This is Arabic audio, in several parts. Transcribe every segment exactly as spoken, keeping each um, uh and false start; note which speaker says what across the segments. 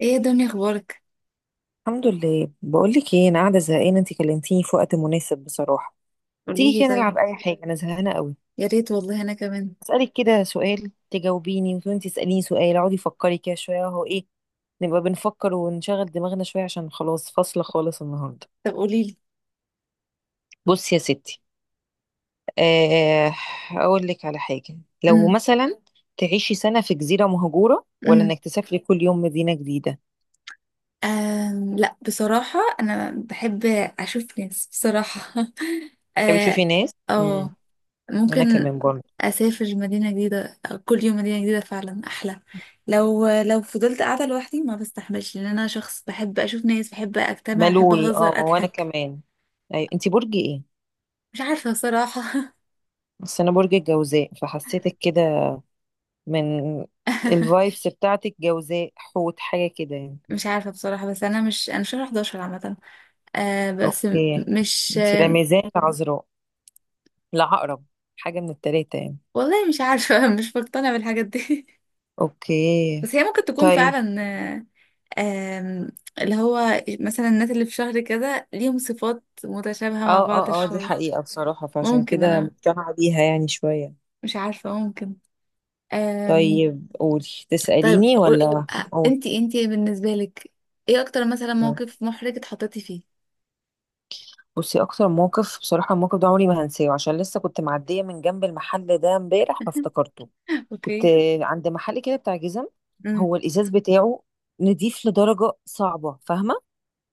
Speaker 1: ايه يا دنيا اخبارك؟
Speaker 2: الحمد لله. بقول لك ايه، انا قاعده زهقانه، انت كلمتيني في وقت مناسب بصراحه.
Speaker 1: قولي
Speaker 2: تيجي
Speaker 1: لي
Speaker 2: كده
Speaker 1: طيب.
Speaker 2: نلعب اي حاجه، انا زهقانه قوي.
Speaker 1: يا ريت والله انا كمان.
Speaker 2: اسالك كده سؤال تجاوبيني وانت تساليني سؤال، اقعدي فكري كده شويه اهو ايه، نبقى بنفكر ونشغل دماغنا شويه عشان خلاص فاصله خالص النهارده.
Speaker 1: طب قولي لي.
Speaker 2: بصي يا ستي. آه اقول لك على حاجه. لو
Speaker 1: امم
Speaker 2: مثلا تعيشي سنه في جزيره مهجوره، ولا
Speaker 1: امم
Speaker 2: انك تسافري كل يوم مدينه جديده؟
Speaker 1: آم لا بصراحة انا بحب اشوف ناس بصراحة
Speaker 2: تحبي
Speaker 1: اه
Speaker 2: تشوفي ناس. امم
Speaker 1: آه،
Speaker 2: انا
Speaker 1: ممكن
Speaker 2: كمان برضه،
Speaker 1: اسافر مدينة جديدة، كل يوم مدينة جديدة فعلا احلى. لو لو فضلت قاعدة لوحدي ما بستحملش، لان انا شخص بحب اشوف ناس، بحب اجتمع، بحب
Speaker 2: ملول اه
Speaker 1: اهزر
Speaker 2: وانا
Speaker 1: اضحك.
Speaker 2: كمان. ايوه، انت برج ايه؟
Speaker 1: مش عارفة بصراحة.
Speaker 2: بس انا برج الجوزاء، فحسيتك كده من الفايبس بتاعتك جوزاء حوت حاجه كده يعني.
Speaker 1: مش عارفة بصراحة، بس أنا مش، أنا شهر احد عشر عامة. آه بس م-
Speaker 2: اوكي.
Speaker 1: مش.
Speaker 2: انت لا ميزان لا عذراء لا عقرب، حاجه من التلاته يعني.
Speaker 1: والله مش عارفة. مش مقتنعة بالحاجات دي.
Speaker 2: اوكي
Speaker 1: بس هي ممكن تكون
Speaker 2: طيب.
Speaker 1: فعلا، آه، آم، اللي هو مثلا الناس اللي في شهر كده ليهم صفات متشابهة مع
Speaker 2: اه
Speaker 1: بعض
Speaker 2: اه اه، دي
Speaker 1: شوية.
Speaker 2: حقيقه بصراحه، فعشان
Speaker 1: ممكن
Speaker 2: كده
Speaker 1: أنا،
Speaker 2: مقتنعه بيها يعني شويه.
Speaker 1: مش عارفة ممكن. آم،
Speaker 2: طيب، قولي
Speaker 1: طيب
Speaker 2: تساليني
Speaker 1: قول-
Speaker 2: ولا.
Speaker 1: آه،
Speaker 2: قول.
Speaker 1: انتي انتي بالنسبة لك ايه أكتر مثلا موقف محرج اتحطيتي فيه؟
Speaker 2: بصي، اكتر موقف بصراحه، الموقف ده عمري ما هنساه عشان لسه كنت معديه من جنب المحل ده امبارح فافتكرته. كنت
Speaker 1: اوكي.
Speaker 2: عند محل كده بتاع جزم،
Speaker 1: امم.
Speaker 2: هو الازاز بتاعه نضيف لدرجه صعبه فاهمه.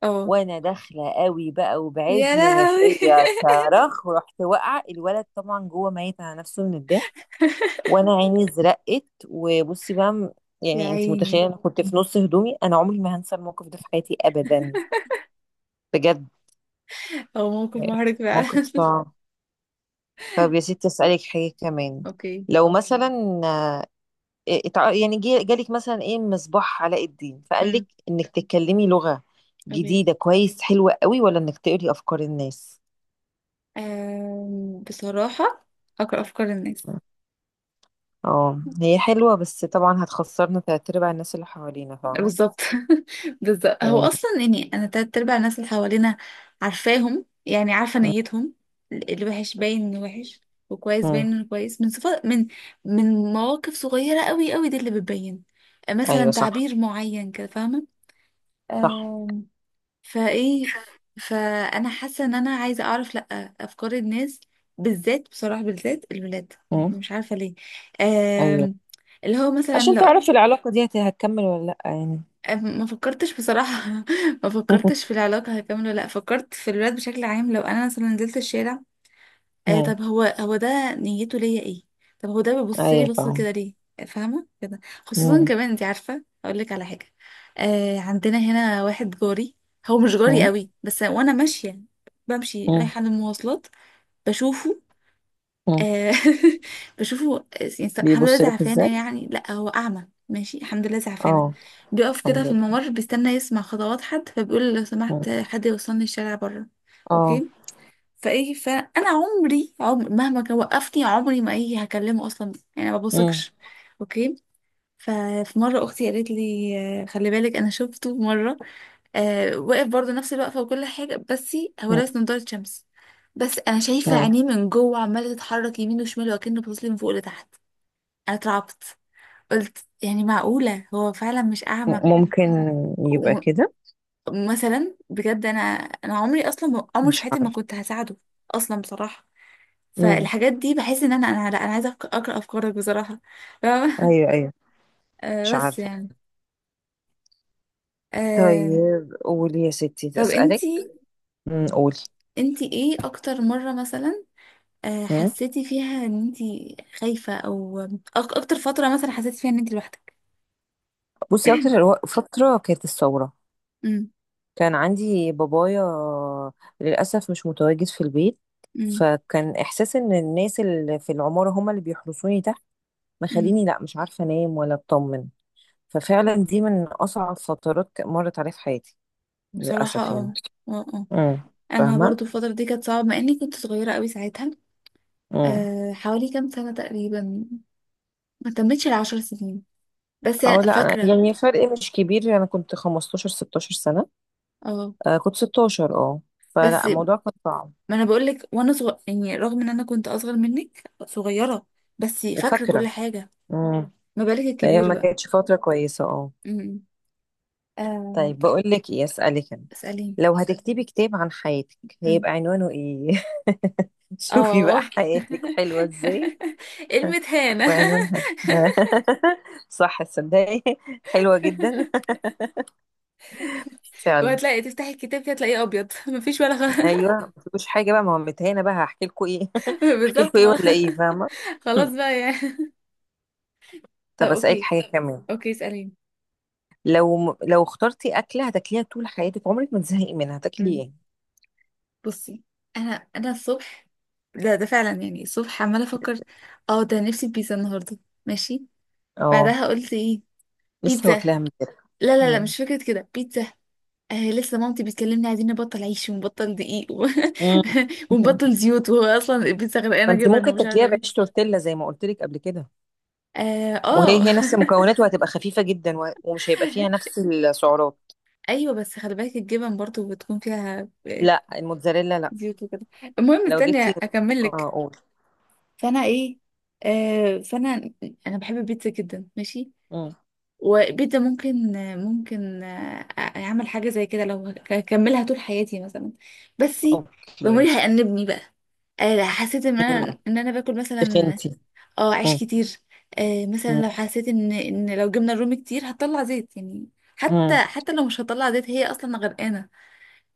Speaker 1: اه.
Speaker 2: وانا داخله قوي بقى
Speaker 1: يا
Speaker 2: وبعزم ما
Speaker 1: لهوي.
Speaker 2: فيا صرخ، ورحت واقعه. الولد طبعا جوه ميت على نفسه من الضحك، وانا عيني زرقت وبصي بقى م-
Speaker 1: يا
Speaker 2: يعني انت
Speaker 1: عيني.
Speaker 2: متخيله، انا كنت في نص هدومي. انا عمري ما هنسى الموقف ده في حياتي ابدا بجد.
Speaker 1: هو موقف
Speaker 2: يعني
Speaker 1: محرج فعلا.
Speaker 2: موقف صعب. طب يا ستي اسالك حاجه كمان.
Speaker 1: اوكي.
Speaker 2: لو مثلا إيه، اتع- يعني جي- جالك مثلا ايه مصباح علاء الدين، فقال
Speaker 1: امم.
Speaker 2: لك انك تتكلمي لغة
Speaker 1: اوكي.
Speaker 2: جديدة كويس حلوة قوي، ولا انك تقري افكار الناس.
Speaker 1: أم، بصراحة أقرأ أفكار الناس.
Speaker 2: اه هي حلوة، بس طبعا هتخسرنا تلات ارباع الناس اللي حوالينا فاهمة.
Speaker 1: بالظبط. بالظبط، هو
Speaker 2: مم.
Speaker 1: أصلا يعني أنا تلات أرباع الناس اللي حوالينا عارفاهم، يعني عارفة نيتهم. اللي وحش باين إنه وحش، وكويس
Speaker 2: مم.
Speaker 1: باين إنه كويس. من صفات، من من مواقف صغيرة أوي أوي، دي اللي بتبين.
Speaker 2: ايوه
Speaker 1: مثلا
Speaker 2: صح.
Speaker 1: تعبير معين كده،
Speaker 2: صح.
Speaker 1: فاهمة؟ فايه، فانا حاسه ان انا عايزه اعرف، لا افكار الناس، بالذات بصراحه بالذات الولاد.
Speaker 2: مم.
Speaker 1: مش عارفه ليه.
Speaker 2: ايوه،
Speaker 1: آم، اللي هو مثلا
Speaker 2: عشان
Speaker 1: لو...
Speaker 2: تعرفي العلاقة دي هت- هتكمل ولا لأ يعني.
Speaker 1: أم- ما فكرتش بصراحه. ما فكرتش في العلاقه هكمل ولا لا، فكرت في الولاد بشكل عام. لو انا مثلا نزلت الشارع، آه
Speaker 2: مم.
Speaker 1: طب هو هو ده نيته ليا ايه؟ طب هو ده بيبص لي
Speaker 2: ايوه
Speaker 1: بص
Speaker 2: فاهمة.
Speaker 1: كده ليه؟ فاهمه كده. خصوصا
Speaker 2: مم.
Speaker 1: كمان، انت عارفه اقول لك على حاجه؟ آه عندنا هنا واحد جاري، هو مش جاري
Speaker 2: مم.
Speaker 1: قوي بس، وانا ماشيه بمشي
Speaker 2: مم.
Speaker 1: رايحه للمواصلات بشوفه.
Speaker 2: مم.
Speaker 1: آه بشوفه. آه، يعني الحمد لله
Speaker 2: بيبص لك ازاي؟
Speaker 1: زعفانه، يعني لا هو اعمى ماشي الحمد لله زعفانه.
Speaker 2: اه
Speaker 1: بيقف كده
Speaker 2: الحمد
Speaker 1: في
Speaker 2: لله.
Speaker 1: الممر بيستنى يسمع خطوات حد، فبيقول لو
Speaker 2: مم.
Speaker 1: سمحت حد يوصلني الشارع بره.
Speaker 2: اه.
Speaker 1: اوكي. فايه، فانا عمري، عمر مهما كان وقفني عمري ما، ايه، هكلمه اصلا، يعني ما
Speaker 2: مم.
Speaker 1: بثقش. اوكي. ففي مره اختي قالت لي آه، خلي بالك، انا شفته مره، آه واقف برضه نفس الوقفه وكل حاجه، بس هو لابس نضاره شمس، بس انا شايفه
Speaker 2: مم.
Speaker 1: عينيه من جوه عماله تتحرك يمين وشمال، وكأنه باصص لي من فوق لتحت. انا اترعبت. قلت يعني معقوله هو فعلا مش اعمى؟
Speaker 2: ممكن يبقى كده.
Speaker 1: ومثلا بجد انا، انا عمري اصلا عمري في
Speaker 2: مش
Speaker 1: حياتي ما
Speaker 2: عارفة.
Speaker 1: كنت هساعده اصلا بصراحه.
Speaker 2: امم.
Speaker 1: فالحاجات دي بحس ان انا انا لا انا عايزه أفك- اقرا افكارك بصراحه. فاهمة؟
Speaker 2: ايوه ايوه.
Speaker 1: آه
Speaker 2: مش
Speaker 1: بس
Speaker 2: عارفة.
Speaker 1: يعني. آه
Speaker 2: طيب قولي يا ستي
Speaker 1: طب
Speaker 2: اسألك.
Speaker 1: انتي،
Speaker 2: امم قولي.
Speaker 1: انتي ايه اكتر مره مثلا آه
Speaker 2: مم.
Speaker 1: حسيتي فيها ان انتي خايفه، او أك- اكتر فتره مثلا حسيتي فيها ان انتي لوحدك؟
Speaker 2: بصي، اكتر الو- فترة كانت الثورة.
Speaker 1: امم
Speaker 2: كان عندي بابايا للأسف مش متواجد في البيت،
Speaker 1: امم
Speaker 2: فكان إحساس إن الناس اللي في العمارة هما اللي بيحرسوني تحت،
Speaker 1: امم
Speaker 2: مخليني لأ مش عارفة أنام ولا أطمن. ففعلا دي من أصعب فترات مرت عليا في حياتي
Speaker 1: بصراحه
Speaker 2: للأسف يعني.
Speaker 1: اه. اه آه.
Speaker 2: امم.
Speaker 1: انا
Speaker 2: فاهمة؟
Speaker 1: برضو الفتره دي كانت صعبه، مع اني كنت صغيره قوي ساعتها.
Speaker 2: مم.
Speaker 1: آه حوالي كام سنه تقريبا، ما تمتش العشر سنين، بس
Speaker 2: اه
Speaker 1: أنا
Speaker 2: لا، انا
Speaker 1: فاكره.
Speaker 2: يعني فرق مش كبير، انا كنت خمسة عشر ستاشر سنة.
Speaker 1: اه
Speaker 2: آه كنت ستاشر اه.
Speaker 1: بس
Speaker 2: فلا الموضوع كان صعب.
Speaker 1: ما انا بقول لك، وانا صغير يعني رغم ان انا كنت اصغر منك صغيره بس فاكره كل
Speaker 2: وفاكرة.
Speaker 1: حاجه.
Speaker 2: امم.
Speaker 1: ما بالك
Speaker 2: الايام
Speaker 1: الكبير
Speaker 2: ما
Speaker 1: بقى.
Speaker 2: كانتش فترة كويسة اه.
Speaker 1: امم. آم،
Speaker 2: طيب
Speaker 1: ط-
Speaker 2: بقول لك ايه، اسألك انا.
Speaker 1: اساليني.
Speaker 2: لو هتكتبي كتاب عن حياتك
Speaker 1: أمم.
Speaker 2: هيبقى عنوانه ايه؟ شوفي بقى
Speaker 1: اه.
Speaker 2: حياتك حلوة ازاي
Speaker 1: كلمة هانة.
Speaker 2: وعنوانها. صح تصدقي. حلوة جدا فعلا.
Speaker 1: وهتلاقي تفتحي الكتاب كده تلاقيه ابيض، مفيش ولا خ...
Speaker 2: ايوه، مفيش حاجة بقى، ما هو متهانة بقى هحكي لكم ايه؟ هحكي
Speaker 1: بالظبط.
Speaker 2: لكم ايه
Speaker 1: خلاص.
Speaker 2: ولا ايه فاهمة.
Speaker 1: خلاص بقى يعني. طب
Speaker 2: طب اسالك
Speaker 1: اوكي.
Speaker 2: حاجه كمان.
Speaker 1: اوكي اساليني.
Speaker 2: لو لو اخترتي اكله هتاكليها طول حياتك، عمرك ما تزهقي منها، هتاكلي
Speaker 1: أمم.
Speaker 2: ايه؟
Speaker 1: بصي، انا انا الصبح، ده ده فعلا يعني الصبح عماله افكر، اه ده نفسي في بيتزا النهارده ماشي.
Speaker 2: اه
Speaker 1: بعدها قلت ايه؟
Speaker 2: لسه
Speaker 1: بيتزا.
Speaker 2: واكلاها من كده.
Speaker 1: لا لا لا،
Speaker 2: مم.
Speaker 1: مش فكرة كده بيتزا. آه لسه مامتي بتكلمني عايزين نبطل عيش ونبطل دقيق و...
Speaker 2: مم.
Speaker 1: ونبطل زيوت، وهو اصلا البيتزا
Speaker 2: ما
Speaker 1: غرقانة
Speaker 2: انت
Speaker 1: جبن
Speaker 2: ممكن
Speaker 1: ومش عارفة
Speaker 2: تاكليها بعيش
Speaker 1: ايه.
Speaker 2: تورتيلا زي ما قلت لك قبل كده،
Speaker 1: اه
Speaker 2: وهي
Speaker 1: آه.
Speaker 2: هي نفس المكونات وهتبقى خفيفه جدا و- ومش هيبقى فيها نفس السعرات.
Speaker 1: ايوه، بس خلي بالك الجبن برضو بتكون فيها آه،
Speaker 2: لا الموتزاريلا لا.
Speaker 1: زيوت وكده. المهم
Speaker 2: لو
Speaker 1: استني
Speaker 2: جبتي.
Speaker 1: اكمل لك.
Speaker 2: اه قول.
Speaker 1: فانا ايه، آه فانا، انا بحب البيتزا جدا ماشي.
Speaker 2: مم.
Speaker 1: وبيتزا ممكن، ممكن آه، اعمل حاجه زي كده لو هكملها طول حياتي مثلا، بس
Speaker 2: اوكي.
Speaker 1: ضميري هيأنبني بقى. آه، حسيت ان
Speaker 2: مم.
Speaker 1: انا ان انا باكل مثلا
Speaker 2: تخنتي.
Speaker 1: اه عيش
Speaker 2: مم.
Speaker 1: كتير. آه، مثلا
Speaker 2: مم.
Speaker 1: لو حسيت ان ان لو جبنا الرومي كتير هتطلع زيت يعني.
Speaker 2: مم.
Speaker 1: حتى حتى لو مش هتطلع زيت، هي اصلا غرقانه.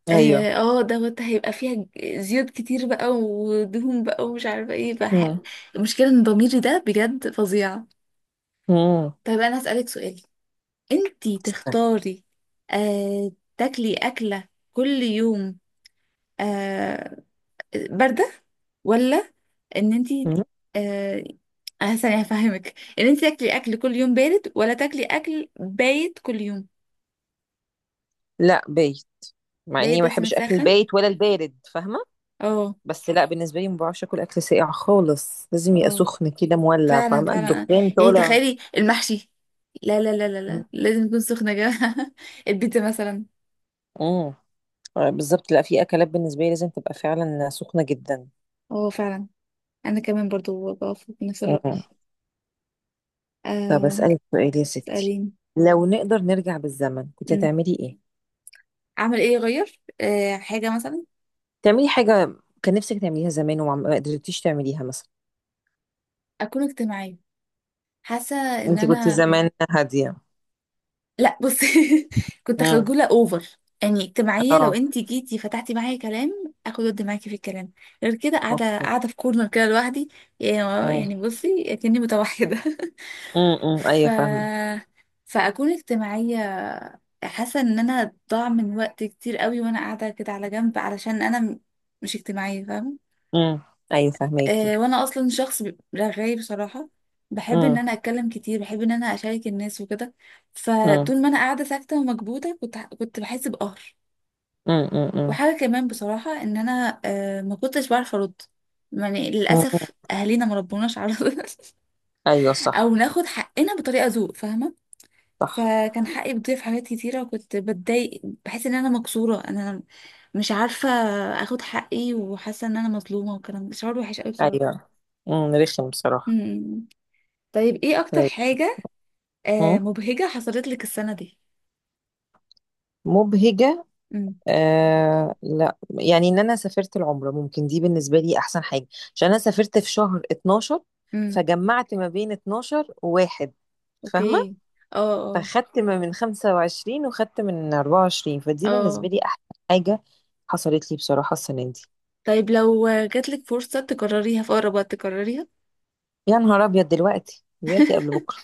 Speaker 2: ايوه.
Speaker 1: اه آه، دوت هيبقى فيها ج- زيوت كتير بقى ودهون بقى ومش عارفه ايه بقى.
Speaker 2: مم.
Speaker 1: المشكله ان ضميري ده بجد فظيع.
Speaker 2: مم.
Speaker 1: طيب انا هسألك سؤال، انتي
Speaker 2: استنى.
Speaker 1: تختاري آه تاكلي أكلة كل يوم آه باردة، ولا ان انتي
Speaker 2: مم.
Speaker 1: آه آه، ثانية هفهمك، ان انتي تاكلي أكل كل يوم بارد ولا تاكلي أكل بايت كل يوم؟
Speaker 2: لا بايت. مع اني
Speaker 1: بايت
Speaker 2: ما
Speaker 1: بس
Speaker 2: بحبش اكل
Speaker 1: متسخن
Speaker 2: البايت ولا البارد فاهمه.
Speaker 1: اه.
Speaker 2: بس لا، بالنسبه لي ما بعرفش اكل اكل ساقع خالص، لازم يبقى
Speaker 1: اه
Speaker 2: سخن كده مولع
Speaker 1: فعلا
Speaker 2: فاهمه،
Speaker 1: فعلا آه.
Speaker 2: الدخان
Speaker 1: يعني
Speaker 2: طالع.
Speaker 1: تخيلي المحشي، لا لا لا لا لا، لازم يكون سخن يا جماعة. البيتزا مثلا.
Speaker 2: امم. بالظبط. لا، في اكلات بالنسبه لي لازم تبقى فعلا سخنه جدا.
Speaker 1: اه فعلا، انا كمان برضو بوافق بنفس الرأي.
Speaker 2: امم. طب
Speaker 1: آه
Speaker 2: اسالك سؤال يا ستي.
Speaker 1: سألين.
Speaker 2: لو نقدر نرجع بالزمن كنت هتعملي ايه؟
Speaker 1: اعمل ايه، اغير أه حاجه مثلا؟
Speaker 2: تعملي حاجه كان نفسك تعمليها زمان وما ما قدرتيش تعمليها مثلا.
Speaker 1: اكون اجتماعيه. حاسه ان
Speaker 2: انت كنت
Speaker 1: انا،
Speaker 2: زمان هاديه؟
Speaker 1: لا بصي، كنت
Speaker 2: امم.
Speaker 1: خجوله اوفر. يعني اجتماعيه لو
Speaker 2: اه.
Speaker 1: انت جيتي فتحتي معايا كلام اخد ود معاكي في الكلام، غير كده قاعده
Speaker 2: اوكي.
Speaker 1: قاعده في كورنر كده لوحدي.
Speaker 2: امم.
Speaker 1: يعني بصي اكني متوحده.
Speaker 2: امم
Speaker 1: ف،
Speaker 2: ايوه فاهمه.
Speaker 1: فاكون اجتماعيه. حاسه ان انا ضاع من وقت كتير قوي وانا قاعده كده على جنب علشان انا م- مش اجتماعيه فاهمه.
Speaker 2: امم. ايوه فاهماكي.
Speaker 1: آه، وانا اصلا شخص ب- رغاي بصراحه، بحب ان انا اتكلم كتير، بحب ان انا اشارك الناس وكده.
Speaker 2: امم.
Speaker 1: فطول ما انا قاعده ساكته ومكبوته كنت ح- كنت بحس بقهر.
Speaker 2: امم. امم.
Speaker 1: وحاجه كمان بصراحه ان انا آه، ما كنتش بعرف ارد. يعني
Speaker 2: امم.
Speaker 1: للاسف اهالينا ما ربوناش على
Speaker 2: ايوه صح.
Speaker 1: او ناخد حقنا بطريقه ذوق فاهمه.
Speaker 2: صح.
Speaker 1: فكان حقي بيضيع في حاجات كتيره، وكنت بتضايق بحس ان انا مكسوره، انا مش عارفه اخد حقي، وحاسه ان انا مظلومه وكلام. شعور وحش قوي بصراحه.
Speaker 2: ايوه. امم رخم
Speaker 1: م-
Speaker 2: بصراحه.
Speaker 1: م. طيب ايه اكتر
Speaker 2: طيب.
Speaker 1: حاجه آه
Speaker 2: امم
Speaker 1: مبهجة حصلت لك السنة دي؟
Speaker 2: مبهجه.
Speaker 1: امم
Speaker 2: آه لا، يعني ان انا سافرت العمره، ممكن دي بالنسبه لي احسن حاجه. عشان انا سافرت في شهر اتناشر،
Speaker 1: امم
Speaker 2: فجمعت ما بين اتناشر وواحد فاهمه.
Speaker 1: اوكي اه اه
Speaker 2: فخدت ما من خمسة وعشرين وخدت من اربعة وعشرين، فدي بالنسبه
Speaker 1: اه.
Speaker 2: لي احسن حاجه حصلت لي بصراحه السنه دي.
Speaker 1: طيب لو جاتلك فرصة تكرريها في أقرب وقت تكرريها؟
Speaker 2: يا نهار ابيض، دلوقتي دلوقتي قبل بكره.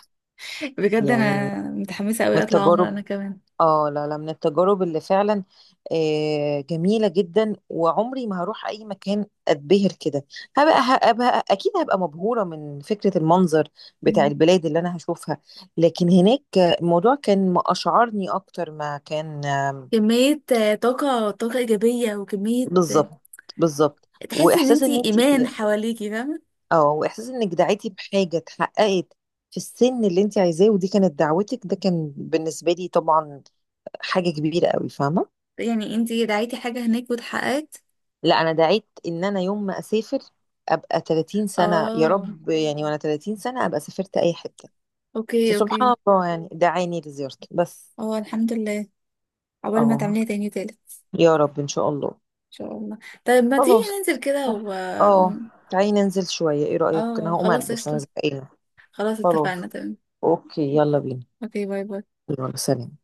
Speaker 1: بجد
Speaker 2: يعني من
Speaker 1: أنا متحمسة أوي أطلع عمرة أنا
Speaker 2: التجارب،
Speaker 1: كمان.
Speaker 2: اه لا لا، من التجارب اللي فعلا آه، جميلة جدا، وعمري ما هروح أي مكان أتبهر كده. هبقى, هبقى أكيد هبقى مبهورة من فكرة المنظر بتاع
Speaker 1: مم.
Speaker 2: البلاد اللي أنا هشوفها. لكن هناك الموضوع كان ما أشعرني أكتر ما كان. آم،
Speaker 1: كمية آه، طاقة، طاقة إيجابية وكمية آه،
Speaker 2: بالظبط. بالظبط،
Speaker 1: تحسي إن
Speaker 2: وإحساس إن
Speaker 1: أنتي
Speaker 2: أنت.
Speaker 1: إيمان حواليكي، فاهمة؟
Speaker 2: اه، وإحساس إنك دعيتي بحاجة اتحققت في السن اللي أنت عايزاه، ودي كانت دعوتك، ده كان بالنسبة لي طبعا حاجة كبيرة قوي فاهمة.
Speaker 1: يعني أنتي دعيتي حاجة هناك واتحققت.
Speaker 2: لا، انا دعيت ان انا يوم ما اسافر ابقى ثلاثين سنه يا
Speaker 1: اه
Speaker 2: رب، يعني وانا ثلاثين سنه ابقى سافرت اي حته.
Speaker 1: اوكي اوكي.
Speaker 2: فسبحان الله يعني دعاني لزيارته بس.
Speaker 1: اه الحمد لله. عقبال ما
Speaker 2: اه
Speaker 1: تعمليها تاني وتالت إن
Speaker 2: يا رب ان شاء الله.
Speaker 1: شاء الله. طيب ما تيجي
Speaker 2: خلاص
Speaker 1: ننزل كده و...
Speaker 2: اه. تعالي ننزل شويه، ايه رايك؟ انا
Speaker 1: اه
Speaker 2: هقوم
Speaker 1: خلاص
Speaker 2: البس، انا
Speaker 1: قشطة.
Speaker 2: زهقانه.
Speaker 1: خلاص
Speaker 2: خلاص.
Speaker 1: اتفقنا تمام.
Speaker 2: اوكي، يلا بينا.
Speaker 1: اوكي، باي باي.
Speaker 2: يلا سلام.